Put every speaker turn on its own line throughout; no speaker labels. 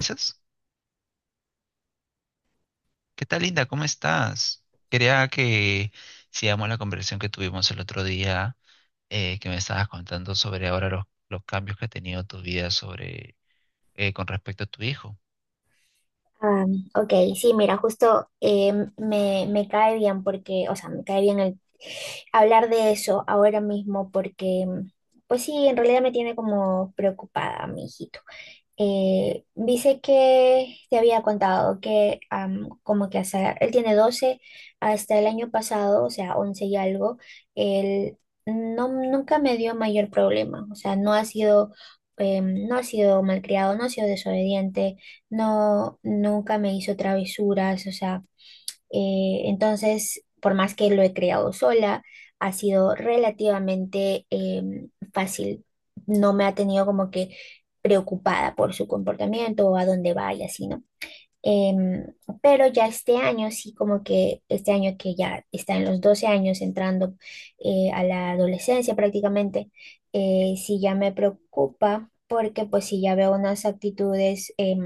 Esas. ¿Qué tal, Linda? ¿Cómo estás? Quería que sigamos la conversación que tuvimos el otro día, que me estabas contando sobre ahora los cambios que ha tenido tu vida sobre, con respecto a tu hijo.
Ah, ok, sí, mira, justo me cae bien porque, o sea, me cae bien el hablar de eso ahora mismo porque, pues sí, en realidad me tiene como preocupada mi hijito. Dice que te había contado que como que hasta, él tiene 12 hasta el año pasado, o sea, 11 y algo, él no, nunca me dio mayor problema, o sea, no ha sido, no ha sido malcriado, no ha sido desobediente, no, nunca me hizo travesuras, o sea, entonces, por más que lo he creado sola, ha sido relativamente fácil. No me ha tenido como que preocupada por su comportamiento o a dónde va y así, ¿no? Em, pero ya este año, sí, como que este año que ya está en los 12 años, entrando a la adolescencia prácticamente, sí ya me preocupa porque pues sí ya veo unas actitudes,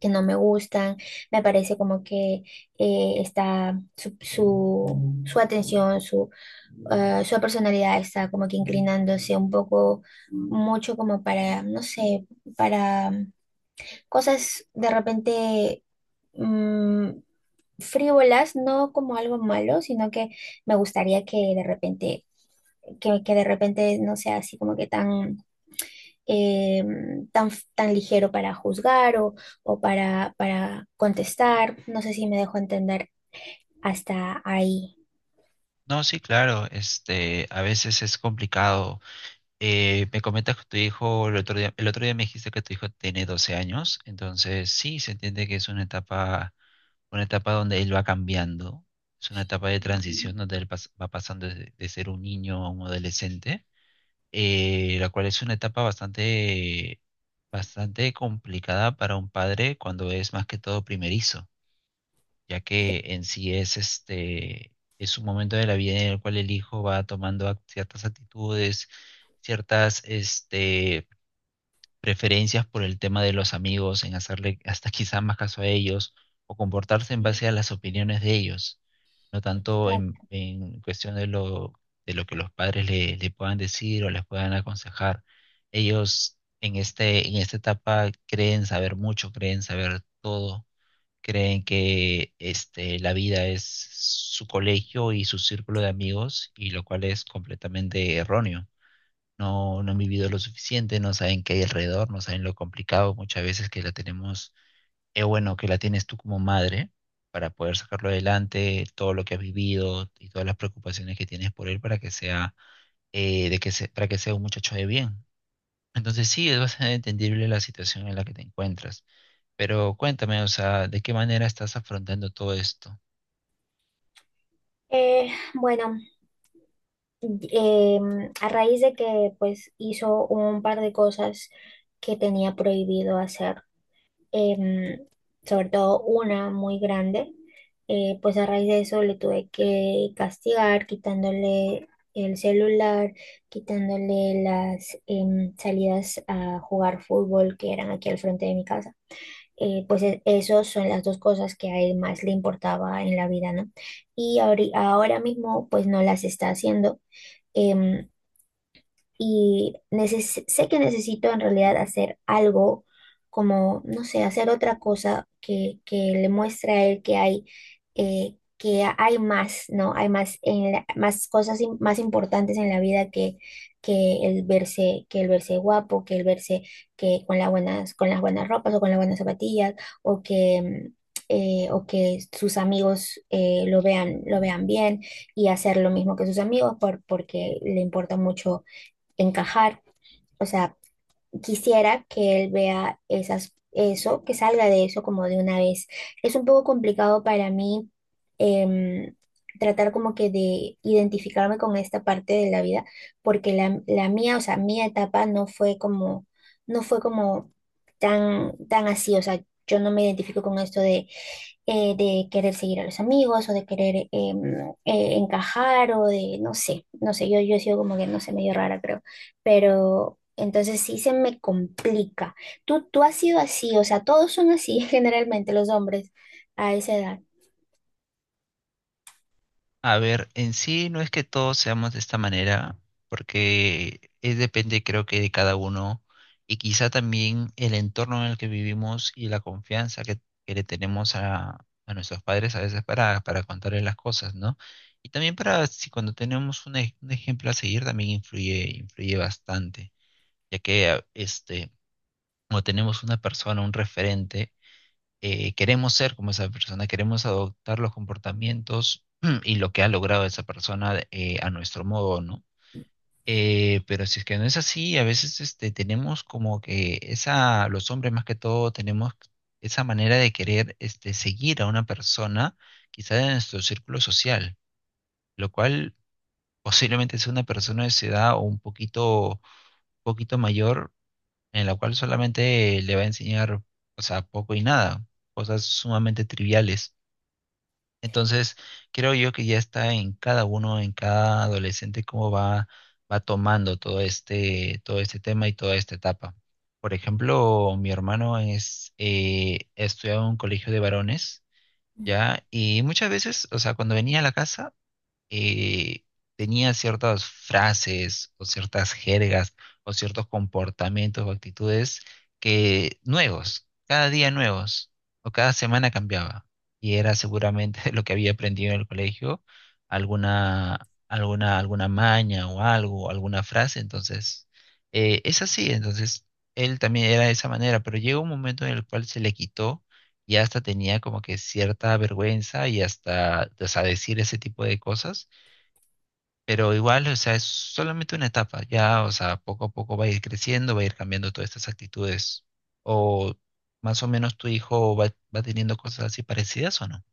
que no me gustan, me parece como que está su atención, su su personalidad está como que inclinándose un poco, mucho como para, no sé, para cosas de repente mm, frívolas, no como algo malo, sino que me gustaría que de repente, que de repente no sea así como que tan eh, tan ligero para juzgar o, para contestar. No sé si me dejo entender hasta ahí.
No, sí, claro, a veces es complicado. Me comentas que tu hijo, el otro día me dijiste que tu hijo tiene 12 años. Entonces sí, se entiende que es una etapa donde él va cambiando, es una etapa de transición donde va pasando de ser un niño a un adolescente, la cual es una etapa bastante, bastante complicada para un padre cuando es más que todo primerizo, ya
Sí.
que en sí es un momento de la vida en el cual el hijo va tomando ciertas actitudes, ciertas, preferencias por el tema de los amigos, en hacerle hasta quizá más caso a ellos o comportarse en base a las opiniones de ellos, no tanto en,
Exacto.
en cuestión de lo que los padres le puedan decir o les puedan aconsejar. Ellos en esta etapa creen saber mucho, creen saber todo, creen que la vida es su colegio y su círculo de amigos, y lo cual es completamente erróneo. No han vivido lo suficiente, no saben qué hay alrededor, no saben lo complicado muchas veces que la tenemos, es bueno, que la tienes tú como madre para poder sacarlo adelante, todo lo que has vivido y todas las preocupaciones que tienes por él para que sea, para que sea un muchacho de bien. Entonces sí, es bastante entendible la situación en la que te encuentras. Pero cuéntame, o sea, ¿de qué manera estás afrontando todo esto?
Bueno, a raíz de que pues hizo un par de cosas que tenía prohibido hacer, em, sobre todo una muy grande, pues a raíz de eso le tuve que castigar quitándole el celular, quitándole las salidas a jugar fútbol que eran aquí al frente de mi casa. Pues esos son las dos cosas que a él más le importaba en la vida, ¿no? Y ahora mismo pues no las está haciendo. Em, y sé que necesito en realidad hacer algo como, no sé, hacer otra cosa que le muestre a él que hay más, ¿no? Hay más, más cosas más importantes en la vida que el verse guapo, que el verse que con las buenas ropas o con las buenas zapatillas, o que mm, o que sus amigos lo vean bien y hacer lo mismo que sus amigos porque le importa mucho encajar. O sea, quisiera que él vea esas, eso, que salga de eso como de una vez. Es un poco complicado para mí, em, tratar como que de identificarme con esta parte de la vida, porque la mía, o sea, mi etapa no fue como, no fue como tan así. O sea, yo no me identifico con esto de querer seguir a los amigos o de querer encajar o de, no sé, no sé, yo he sido como que, no sé, medio rara, creo, pero entonces sí se me complica. Tú has sido así, o sea, todos son así generalmente los hombres a esa edad.
A ver, en sí no es que todos seamos de esta manera, porque es depende, creo que, de cada uno y quizá también el entorno en el que vivimos y la confianza que le tenemos a nuestros padres a veces para contarles las cosas, ¿no? Y también para si cuando tenemos un ejemplo a seguir también influye bastante, ya que como tenemos una persona, un referente, queremos ser como esa persona, queremos adoptar los comportamientos y lo que ha logrado esa persona, a nuestro modo, ¿no? Pero si es que no es así, a veces tenemos como que esa, los hombres más que todo, tenemos esa manera de querer seguir a una persona, quizá de nuestro círculo social, lo cual posiblemente sea una persona de su edad o un poquito, poquito mayor, en la cual solamente le va a enseñar, o sea, poco y nada, cosas sumamente triviales. Entonces, creo yo que ya está en cada uno, en cada adolescente, cómo va tomando todo este tema y toda esta etapa. Por ejemplo, mi hermano estudiaba en un colegio de varones, ¿ya? Y muchas veces, o sea, cuando venía a la casa, eh, tenía ciertas frases o ciertas jergas o ciertos comportamientos o actitudes que nuevos, cada día nuevos o cada semana cambiaba. Y era seguramente lo que había aprendido en el colegio, alguna maña o algo, alguna frase. Entonces, es así. Entonces, él también era de esa manera, pero llegó un momento en el cual se le quitó y hasta tenía como que cierta vergüenza y hasta, o sea, decir ese tipo de cosas. Pero igual, o sea, es solamente una etapa, ya, o sea, poco a poco va a ir creciendo, va a ir cambiando todas estas actitudes. O más o menos tu hijo va teniendo cosas así parecidas o no.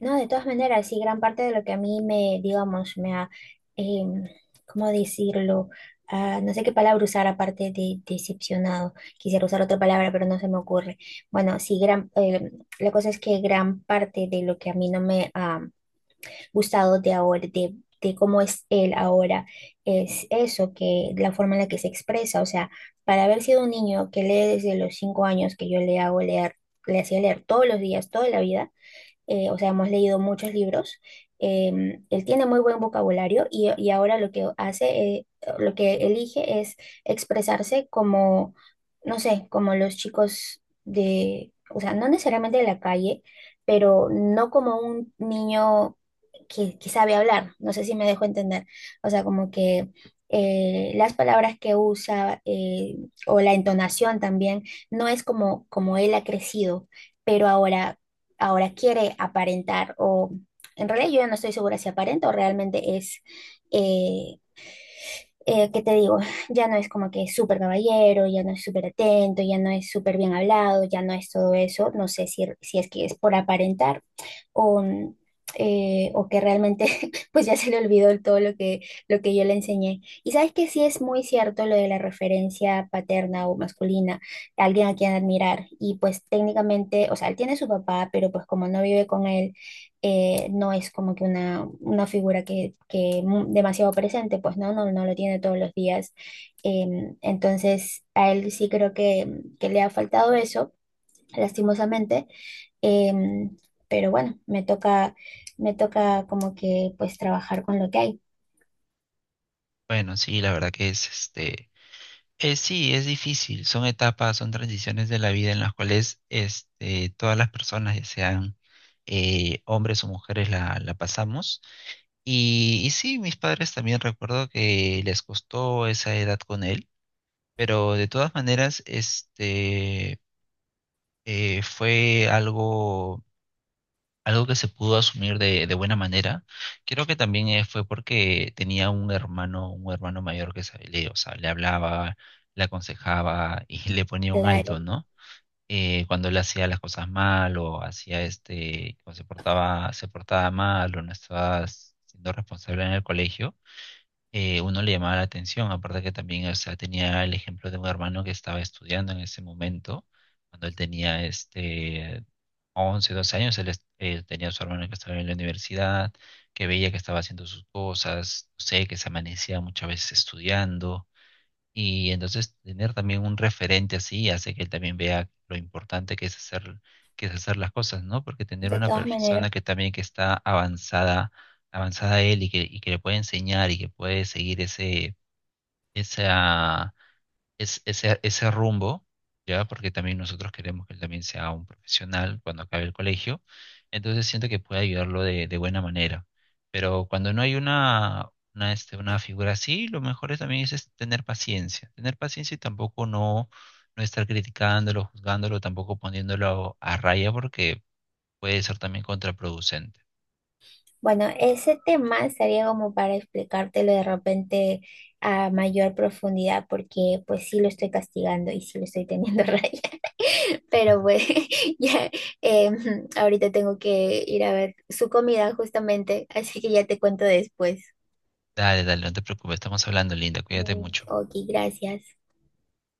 No, de todas maneras, sí, gran parte de lo que a mí me, digamos, me ha, em, ¿cómo decirlo? Ah, no sé qué palabra usar aparte de decepcionado. Quisiera usar otra palabra, pero no se me ocurre. Bueno, sí, la cosa es que gran parte de lo que a mí no me ha gustado de ahora, de cómo es él ahora, es eso, que la forma en la que se expresa, o sea, para haber sido un niño que lee desde los 5 años que yo le hago leer, le hacía leer todos los días, toda la vida, o sea, hemos leído muchos libros. Él tiene muy buen vocabulario y ahora lo que hace, lo que elige es expresarse como, no sé, como los chicos de, o sea, no necesariamente de la calle, pero no como un niño que sabe hablar. No sé si me dejo entender. O sea, como que las palabras que usa, o la entonación también no es como, como él ha crecido, pero ahora, ahora quiere aparentar o en realidad yo ya no estoy segura si aparenta o realmente es, eh, ¿qué te digo? Ya no es como que es súper caballero, ya no es súper atento, ya no es súper bien hablado, ya no es todo eso. No sé si, si es que es por aparentar o, o que realmente pues ya se le olvidó todo lo que yo le enseñé. Y sabes que sí es muy cierto lo de la referencia paterna o masculina, alguien a quien admirar. Y pues técnicamente, o sea, él tiene su papá, pero pues como no vive con él, no es como que una figura que demasiado presente, pues no, no, no lo tiene todos los días. Entonces, a él sí creo que le ha faltado eso lastimosamente. Em, pero bueno, me toca como que pues trabajar con lo que hay.
Bueno, sí, la verdad sí, es difícil, son etapas, son transiciones de la vida en las cuales, todas las personas, ya sean hombres o mujeres, la pasamos. Y sí, mis padres también recuerdo que les costó esa edad con él. Pero de todas maneras, fue algo que se pudo asumir de buena manera. Creo que también, fue porque tenía un hermano mayor que o sea, le hablaba, le aconsejaba y le ponía un
Claro,
alto, ¿no? Cuando él hacía las cosas mal o hacía o se portaba mal o no estaba siendo responsable en el colegio, uno le llamaba la atención, aparte que también, o sea, tenía el ejemplo de un hermano que estaba estudiando en ese momento, cuando él tenía 11, 12 años, él tenía a su hermano que estaba en la universidad, que veía que estaba haciendo sus cosas, no sé, que se amanecía muchas veces estudiando, y entonces tener también un referente así hace que él también vea lo importante que es hacer las cosas, ¿no? Porque tener
de
una
todas
persona
maneras.
que también que está avanzada, avanzada a él y que le puede enseñar y que puede seguir ese, esa, es, ese rumbo, ¿ya? Porque también nosotros queremos que él también sea un profesional cuando acabe el colegio. Entonces siento que puede ayudarlo de buena manera. Pero cuando no hay una figura así, lo mejor es tener paciencia. Tener paciencia y tampoco no estar criticándolo, juzgándolo, tampoco poniéndolo a raya porque puede ser también contraproducente.
Bueno, ese tema sería como para explicártelo de repente a mayor profundidad, porque pues sí lo estoy castigando y sí lo estoy teniendo raya. Pero pues ya, ahorita tengo que ir a ver su comida justamente, así que ya te cuento después.
Dale, dale, no te preocupes, estamos hablando, Linda, cuídate
Mm,
mucho.
ok, gracias.